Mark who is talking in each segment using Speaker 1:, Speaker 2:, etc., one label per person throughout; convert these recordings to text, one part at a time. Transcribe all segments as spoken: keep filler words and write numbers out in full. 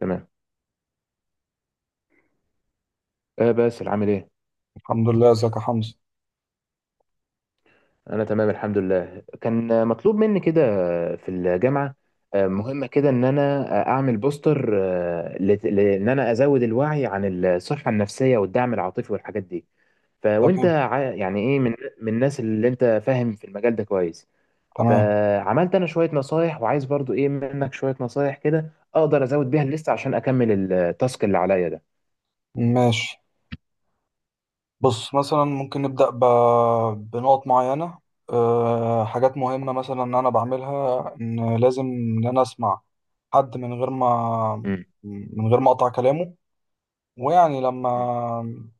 Speaker 1: تمام. آه باسل، عامل ايه؟
Speaker 2: الحمد لله، ازيك يا حمزة؟
Speaker 1: انا تمام، الحمد لله. كان آه، مطلوب مني كده. آه، في الجامعه. آه، مهمه كده ان انا آه، اعمل بوستر، آه، لت- لان انا ازود الوعي عن الصحه النفسيه والدعم العاطفي والحاجات دي. فوانت
Speaker 2: تمام.
Speaker 1: عا- يعني ايه من من الناس اللي انت فاهم في المجال ده كويس.
Speaker 2: تمام.
Speaker 1: فعملت انا شويه نصايح، وعايز برضو ايه منك شويه نصايح كده اقدر ازود بيها الليست عشان اكمل التاسك اللي عليا ده.
Speaker 2: ماشي. بص، مثلا ممكن نبدأ ب... بنقط معينة. أه حاجات مهمة مثلا ان انا بعملها، ان لازم ان انا اسمع حد من غير ما
Speaker 1: م-
Speaker 2: من غير ما اقطع كلامه، ويعني لما
Speaker 1: م-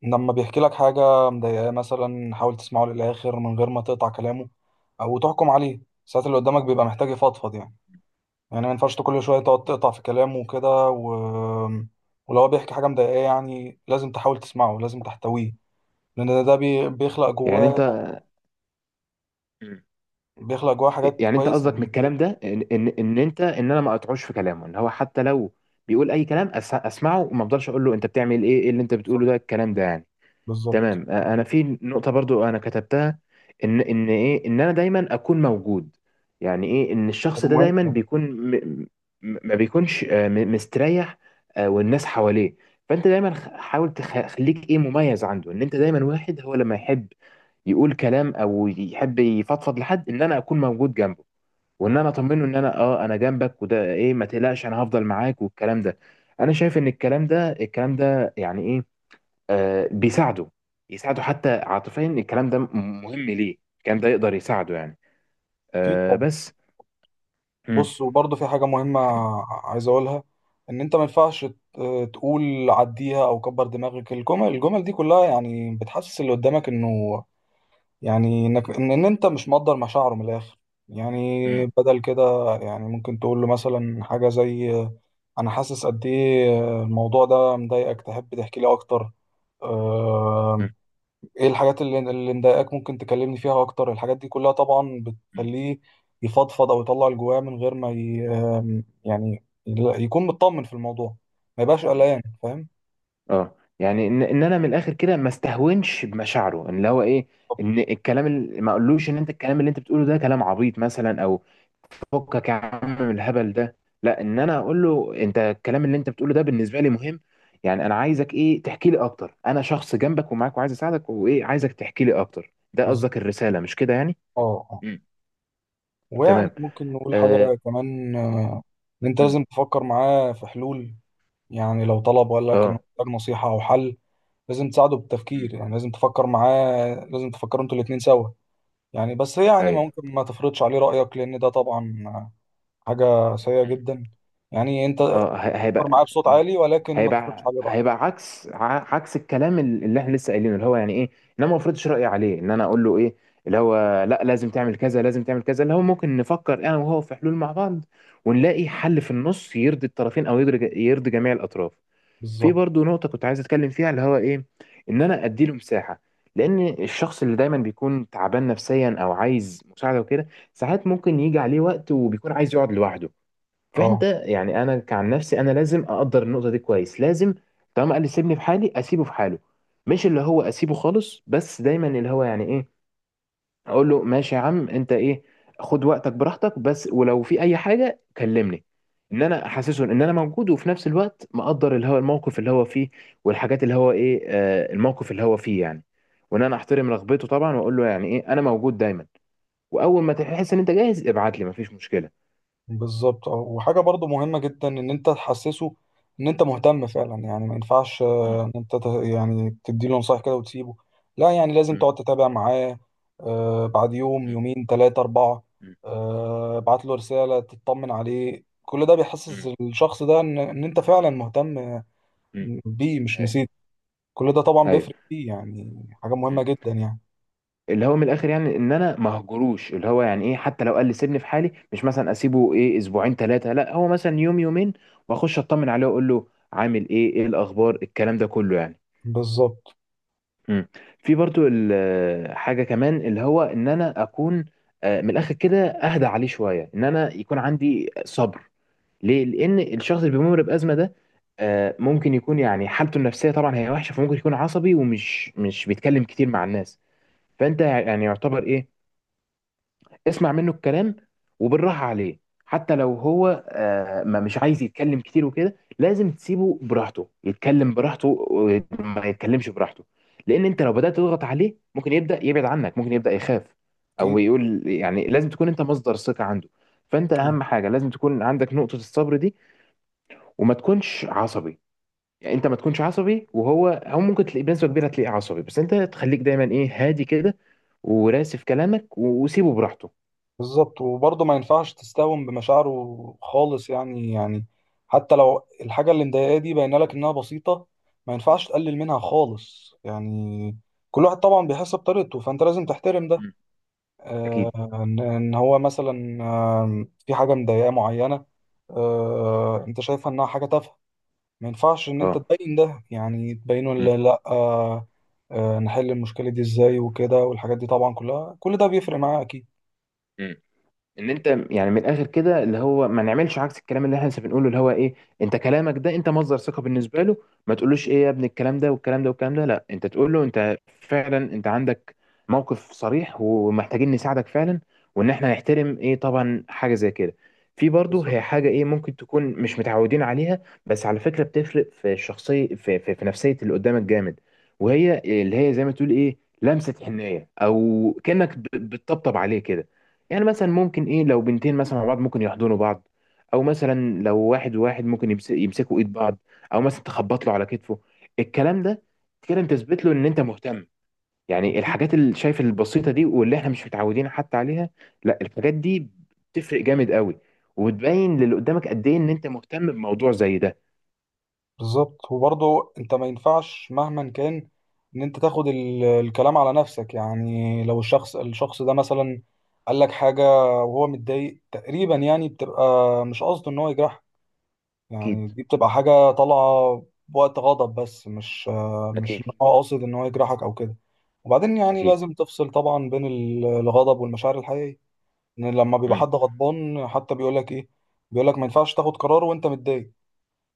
Speaker 2: لما بيحكي لك حاجة مضايقاه مثلا حاول تسمعه للآخر من غير ما تقطع كلامه او تحكم عليه. ساعات اللي قدامك بيبقى محتاج يفضفض يعني يعني ما ينفعش كل شوية تقعد تقطع في كلامه وكده و... ولو هو بيحكي حاجة مضايقاه يعني لازم تحاول تسمعه، لازم
Speaker 1: م-
Speaker 2: تحتويه، لأن ده ده بي... بيخلق
Speaker 1: يعني
Speaker 2: جواه،
Speaker 1: انت،
Speaker 2: بيخلق جواه حاجات
Speaker 1: يعني انت
Speaker 2: كويسة
Speaker 1: قصدك
Speaker 2: يعني
Speaker 1: من الكلام
Speaker 2: إيجابية.
Speaker 1: ده ان ان ان انت ان انا ما اقطعوش في كلامه، ان هو حتى لو بيقول اي كلام، أس- اسمعه، وما افضلش اقول له انت بتعمل ايه، ايه اللي انت بتقوله
Speaker 2: بالظبط.
Speaker 1: ده، الكلام ده يعني.
Speaker 2: بالظبط.
Speaker 1: تمام. أ- انا في نقطة برضو انا كتبتها، ان ان ايه، ان انا دايما اكون موجود. يعني ايه ان
Speaker 2: حاجة
Speaker 1: الشخص ده
Speaker 2: مهمة
Speaker 1: دايما
Speaker 2: طبعا.
Speaker 1: بيكون، م م- ما بيكونش آه، م- مستريح، آه، والناس حواليه. فانت دايما خ- حاول تخ- خليك ايه مميز عنده، ان انت دايما واحد، هو لما يحب يقول كلام او يحب يفضفض، لحد ان انا اكون موجود جنبه، وان انا اطمنه ان انا اه انا جنبك، وده ايه ما تقلقش انا هفضل معاك والكلام ده. انا شايف ان الكلام ده، الكلام ده يعني ايه، آه بيساعده، يساعده حتى عاطفيا، الكلام ده م- مهم، ليه الكلام ده يقدر يساعده يعني،
Speaker 2: أكيد
Speaker 1: آه
Speaker 2: طبعا.
Speaker 1: بس. مم.
Speaker 2: بص، وبرضه في حاجة مهمة عايز أقولها، إن أنت ما ينفعش ت- تقول عديها أو كبر دماغك. الجمل الجمل دي كلها يعني بتحسس اللي قدامك إنه، يعني انك ان ان انت مش مقدر مشاعره من الاخر يعني.
Speaker 1: مم.
Speaker 2: بدل كده، يعني ممكن تقول له مثلا حاجه زي آه، انا حاسس قد ايه، آه، الموضوع ده مضايقك، تحب تحكي لي اكتر؟ آه،
Speaker 1: مم.
Speaker 2: ايه الحاجات اللي اللي مضايقاك، ممكن تكلمني فيها اكتر. الحاجات دي كلها طبعا
Speaker 1: مم.
Speaker 2: بتخليه يفضفض او يطلع اللي جواه من غير ما ي... آم، يعني يكون مطمن في الموضوع، ما يبقاش
Speaker 1: مم.
Speaker 2: قلقان، فاهم.
Speaker 1: اه، يعني ان ان انا من الاخر كده ما استهونش بمشاعره، ان اللي هو ايه، ان الكلام اللي ما اقولوش، ان انت الكلام اللي انت بتقوله ده كلام عبيط مثلا، او فكك يا عم من الهبل ده. لا، ان انا اقول له انت الكلام اللي انت بتقوله ده بالنسبه لي مهم، يعني انا عايزك ايه تحكي لي اكتر، انا شخص جنبك ومعاك وعايز اساعدك، وايه عايزك تحكي لي اكتر. ده
Speaker 2: بالظبط.
Speaker 1: قصدك، الرساله مش كده يعني؟
Speaker 2: اه. آه.
Speaker 1: مم.
Speaker 2: ويعني
Speaker 1: تمام.
Speaker 2: ممكن نقول حاجه
Speaker 1: اه.
Speaker 2: كمان، ان انت
Speaker 1: مم.
Speaker 2: لازم تفكر معاه في حلول. يعني لو طلب وقال لك انه
Speaker 1: اه.
Speaker 2: محتاج نصيحة او حل، لازم تساعده
Speaker 1: مم.
Speaker 2: بالتفكير، يعني لازم تفكر معاه، لازم تفكروا انتوا الاتنين سوا. يعني بس يعني ما
Speaker 1: ايوه.
Speaker 2: ممكن ما تفرضش عليه رأيك لان ده طبعا حاجة سيئة جدا. يعني انت
Speaker 1: اه، ه-
Speaker 2: فكر
Speaker 1: هيبقى.
Speaker 2: معاه بصوت
Speaker 1: مم.
Speaker 2: عالي، ولكن ما تفرضش
Speaker 1: هيبقى
Speaker 2: عليه رأيك.
Speaker 1: هيبقى عكس ع- عكس الكلام ال- اللي احنا لسه قايلينه، اللي هو يعني ايه ان انا ما افرضش رايي عليه، ان انا اقول له ايه، اللي هو لا لازم تعمل كذا لازم تعمل كذا، اللي هو ممكن نفكر انا وهو في حلول مع بعض، ونلاقي حل في النص يرضي الطرفين، او يرضي يرضي جميع الاطراف. في
Speaker 2: بالظبط.
Speaker 1: برضو نقطه كنت عايز اتكلم فيها، اللي هو ايه، ان انا ادي له مساحه. لان الشخص اللي دايما بيكون تعبان نفسيا او عايز مساعده وكده، ساعات ممكن يجي عليه وقت وبيكون عايز يقعد لوحده. فانت
Speaker 2: اه.
Speaker 1: يعني، انا كعن نفسي انا لازم اقدر النقطه دي كويس، لازم طالما قال لي سيبني في حالي اسيبه في حاله. مش اللي هو اسيبه خالص، بس دايما اللي هو يعني ايه، اقول له ماشي يا عم انت، ايه، خد وقتك براحتك، بس ولو في اي حاجه كلمني. ان انا احسسه ان انا موجود، وفي نفس الوقت مقدر اللي هو الموقف اللي هو فيه، والحاجات اللي هو ايه آه الموقف اللي هو فيه يعني، وان انا احترم رغبته طبعا، واقول له يعني ايه انا موجود دايما، واول ما تحس ان انت جاهز ابعت لي، مفيش مشكله.
Speaker 2: بالظبط. اه. وحاجه برضو مهمه جدا، ان انت تحسسه ان انت مهتم فعلا. يعني ما ينفعش
Speaker 1: مم.
Speaker 2: آه، ان انت ت- يعني تديله نصايح كده وتسيبه. لا، يعني لازم
Speaker 1: مم.
Speaker 2: تقعد تتابع معاه. آه، بعد يوم، يومين، ثلاثه، اربعه،
Speaker 1: مم.
Speaker 2: آه، ابعت له رساله تطمن عليه. كل ده بيحسس
Speaker 1: مم.
Speaker 2: الشخص ده ان ان انت فعلا مهتم
Speaker 1: مم.
Speaker 2: بيه، مش
Speaker 1: ايوه.
Speaker 2: نسيت. كل ده طبعا
Speaker 1: ايوه.
Speaker 2: بيفرق فيه، يعني حاجه مهمه
Speaker 1: مم.
Speaker 2: جدا يعني.
Speaker 1: اللي هو من الاخر، يعني ان انا ما هجروش، اللي هو يعني ايه، حتى لو قال لي سيبني في حالي، مش مثلا اسيبه ايه اسبوعين ثلاثه، لا هو مثلا يوم يومين واخش اطمن عليه واقول له عامل ايه، ايه الاخبار، الكلام ده كله يعني.
Speaker 2: بالظبط.
Speaker 1: مم. في برضو ال- حاجه كمان اللي هو ان انا اكون آه، من الاخر كده اهدى عليه شويه، ان انا يكون عندي صبر. ليه؟ لان الشخص اللي بيمر بازمه ده آه، ممكن يكون يعني حالته النفسيه طبعا هي وحشه، فممكن يكون عصبي، ومش مش بيتكلم كتير مع الناس. فانت يعني يعتبر ايه، اسمع منه الكلام وبالراحه عليه، حتى لو هو آه، ما مش عايز يتكلم كتير وكده، لازم تسيبه براحته يتكلم براحته، وما يتكلمش براحته. لان انت لو بدات تضغط عليه ممكن يبدا يبعد عنك، ممكن يبدا يخاف او
Speaker 2: اكيد.
Speaker 1: يقول، يعني لازم تكون انت مصدر ثقه عنده. فانت اهم حاجه لازم تكون عندك نقطه الصبر دي، وما تكونش عصبي. يعني انت ما تكونش عصبي، وهو او ممكن تلاقيه بنسبه كبيره تلاقيه عصبي، بس انت تخليك دايما ايه هادي كده، وراسي في كلامك و- وسيبه براحته.
Speaker 2: بالظبط. وبرضه ما ينفعش تستهون بمشاعره خالص يعني. يعني حتى لو الحاجة اللي مضايقاه دي باينة لك إنها بسيطة، ما ينفعش تقلل منها خالص يعني. كل واحد طبعا بيحس بطريقته، فأنت لازم تحترم ده.
Speaker 1: مم. اكيد.
Speaker 2: إن إن هو مثلا آم، في حاجة مضايقاه معينة، آه،
Speaker 1: مم.
Speaker 2: أنت شايفها إنها حاجة تافهة. ما ينفعش إن أنت
Speaker 1: اه.
Speaker 2: تبين ده، يعني تبينه.
Speaker 1: مم.
Speaker 2: لا، لأ. آه، آه، نحل المشكلة دي إزاي وكده، والحاجات دي طبعا كلها، كل ده بيفرق معاه أكيد.
Speaker 1: مم. ان انت يعني من الاخر كده، اللي هو ما نعملش عكس الكلام اللي احنا لسه بنقوله، اللي هو ايه، انت كلامك ده، انت مصدر ثقه بالنسبه له. ما تقولوش ايه يا ابني الكلام ده والكلام ده والكلام ده، لا انت تقول له انت فعلا انت عندك موقف صريح ومحتاجين نساعدك فعلا، وان احنا نحترم ايه طبعا حاجه زي كده. في برضه
Speaker 2: بالظبط.
Speaker 1: هي حاجه ايه ممكن تكون مش متعودين عليها، بس على فكره بتفرق في الشخصيه في، في, في نفسيه اللي قدامك جامد. وهي اللي هي زي ما تقول ايه لمسه حنيه، او كانك ب- بتطبطب عليه كده. يعني مثلا ممكن ايه لو بنتين مثلا مع بعض ممكن يحضنوا بعض، او مثلا لو واحد وواحد ممكن يمس- يمسكوا ايد بعض، او مثلا تخبط له على كتفه. الكلام ده كده انت تثبت له ان انت مهتم، يعني الحاجات اللي شايف البسيطه دي واللي احنا مش متعودين حتى عليها، لا، الحاجات دي بتفرق جامد قوي، وبتبين للي قدامك قد ايه ان انت مهتم بموضوع زي ده.
Speaker 2: بالظبط. وبرضه انت ما ينفعش مهما كان ان انت تاخد ال- الكلام على نفسك. يعني لو الشخص الشخص ده مثلا قال لك حاجة وهو متضايق تقريبا، يعني بتبقى مش قصده ان هو يجرح.
Speaker 1: اكيد.
Speaker 2: يعني دي بتبقى حاجة طالعة بوقت غضب، بس مش مش
Speaker 1: اكيد.
Speaker 2: ان هو قاصد ان هو يجرحك او كده. وبعدين يعني
Speaker 1: اكيد.
Speaker 2: لازم تفصل طبعا بين ال- الغضب والمشاعر الحقيقية. ان لما بيبقى
Speaker 1: مم.
Speaker 2: حد غضبان حتى بيقول لك ايه، بيقول لك ما ينفعش تاخد قرار وانت متضايق،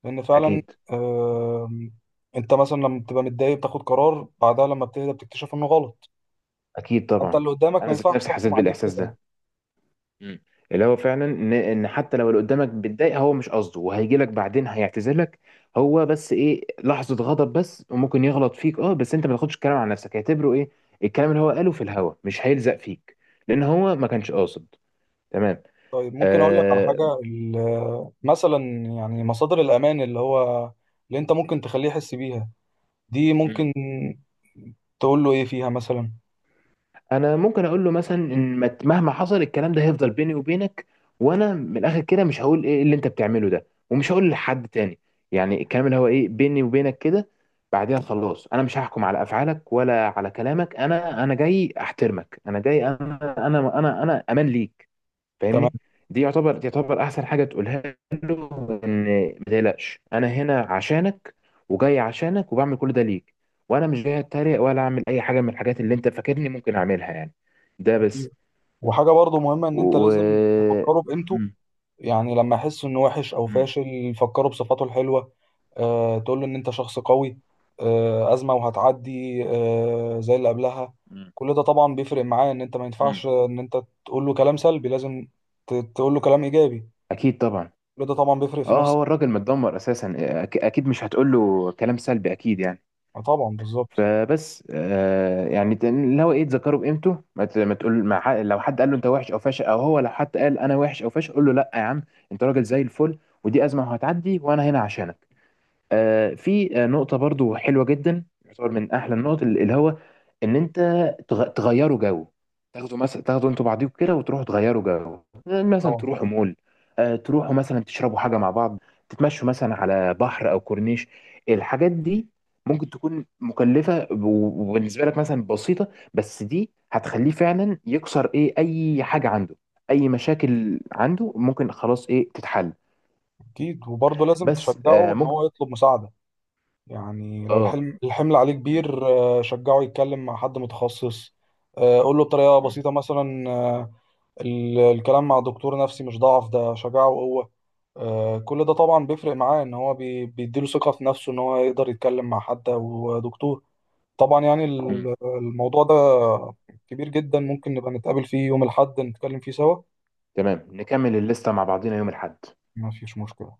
Speaker 2: لان فعلا
Speaker 1: اكيد.
Speaker 2: آم، انت مثلا لما بتبقى متضايق بتاخد قرار، بعدها لما بتهدى بتكتشف انه غلط.
Speaker 1: اكيد
Speaker 2: فانت
Speaker 1: طبعا.
Speaker 2: اللي قدامك ما
Speaker 1: انا ذات
Speaker 2: ينفعش
Speaker 1: نفسي حسيت
Speaker 2: تحكم عليه
Speaker 1: بالاحساس
Speaker 2: بكده.
Speaker 1: ده. مم. اللي هو فعلا، ان إن حتى لو اللي قدامك بيتضايق هو مش قصده، وهيجي لك بعدين هيعتذرلك. هو بس ايه لحظه غضب بس، وممكن يغلط فيك، اه بس انت ما تاخدش الكلام على نفسك، هيعتبره ايه الكلام اللي هو قاله في الهوا، مش هيلزق فيك لان هو ما كانش قاصد. تمام.
Speaker 2: طيب، ممكن اقول لك على
Speaker 1: آه.
Speaker 2: حاجه ال- مثلا، يعني مصادر الامان اللي هو اللي انت ممكن تخليه يحس بيها. دي
Speaker 1: مم.
Speaker 2: ممكن تقول له ايه فيها مثلا.
Speaker 1: انا ممكن اقول له مثلا ان ما- مهما حصل الكلام ده هيفضل بيني وبينك، وانا من الاخر كده مش هقول ايه اللي انت بتعمله ده، ومش هقول لحد تاني. يعني الكلام اللي هو ايه بيني وبينك كده. بعدين خلاص، انا مش هحكم على افعالك ولا على كلامك، انا انا جاي احترمك، انا جاي انا انا انا انا امان ليك.
Speaker 2: تمام.
Speaker 1: فاهمني. دي يعتبر دي يعتبر احسن حاجه تقولها له، ان ما تقلقش انا هنا عشانك، وجاي عشانك، وبعمل كل ده ليك، وانا مش جاي اتريق ولا اعمل اي حاجه من الحاجات اللي انت فاكرني ممكن اعملها يعني. ده بس.
Speaker 2: وحاجه برضو مهمه، ان انت لازم
Speaker 1: و
Speaker 2: تفكره بقيمته.
Speaker 1: مم.
Speaker 2: يعني لما يحس انه وحش او
Speaker 1: مم.
Speaker 2: فاشل، يفكره بصفاته الحلوه. آه، تقول له ان انت شخص قوي، آه، ازمه وهتعدي، آه، زي اللي قبلها.
Speaker 1: مم.
Speaker 2: كل ده طبعا بيفرق معاه. ان انت ما
Speaker 1: مم.
Speaker 2: ينفعش ان انت تقول له كلام سلبي، لازم ت- تقول له كلام ايجابي.
Speaker 1: اكيد طبعا.
Speaker 2: كل ده طبعا بيفرق في
Speaker 1: اه، هو
Speaker 2: نفسيته.
Speaker 1: الراجل متدمر اساسا، أك- اكيد مش هتقول له كلام سلبي اكيد يعني.
Speaker 2: آه، طبعا، بالظبط.
Speaker 1: فبس آه يعني تن- اللي هو ايه، تذكره بقيمته، ما ت- ما تقول مع حق، لو حد قال له انت وحش او فاشل، او هو لو حد قال انا وحش او فاشل قول له لا يا عم، انت راجل زي الفل، ودي ازمه وهتعدي وانا هنا عشانك. آه، في آه، نقطة برضو حلوة جدا، يعتبر من أحلى النقط ال- اللي هو إن أنت تغ- تغيروا جو، تاخدوا مثلا تاخدوا أنتوا بعضيكوا كده وتروحوا تغيروا جو، آه، مثلا
Speaker 2: طبعا.
Speaker 1: تروحوا مول، آه، تروحوا مثلا تشربوا حاجة مع بعض، تتمشوا مثلا على بحر أو كورنيش. الحاجات دي ممكن تكون مكلفة، و- وبالنسبة لك مثلا بسيطة، بس دي هتخليه فعلا يكسر إيه أي حاجة عنده، أي مشاكل عنده ممكن خلاص إيه تتحل.
Speaker 2: اكيد. وبرضه لازم
Speaker 1: بس
Speaker 2: تشجعه
Speaker 1: آه،
Speaker 2: ان
Speaker 1: ممكن.
Speaker 2: هو يطلب مساعده. يعني لو
Speaker 1: آه
Speaker 2: الحلم الحمل عليه كبير، آه، شجعه يتكلم مع حد متخصص. آه، قول له بطريقه بسيطه مثلا، آه، ال- الكلام مع دكتور نفسي مش ضعف، ده شجاعة وقوة. آه، كل ده طبعا بيفرق معاه، ان هو بي- بيديله ثقة في نفسه ان هو يقدر يتكلم مع حد او دكتور. طبعا يعني
Speaker 1: مم.
Speaker 2: ال- الموضوع ده كبير جدا، ممكن نبقى نتقابل فيه يوم الأحد نتكلم فيه سوا.
Speaker 1: تمام، نكمل الليستة مع بعضينا يوم الأحد.
Speaker 2: ما فيش مشكلة.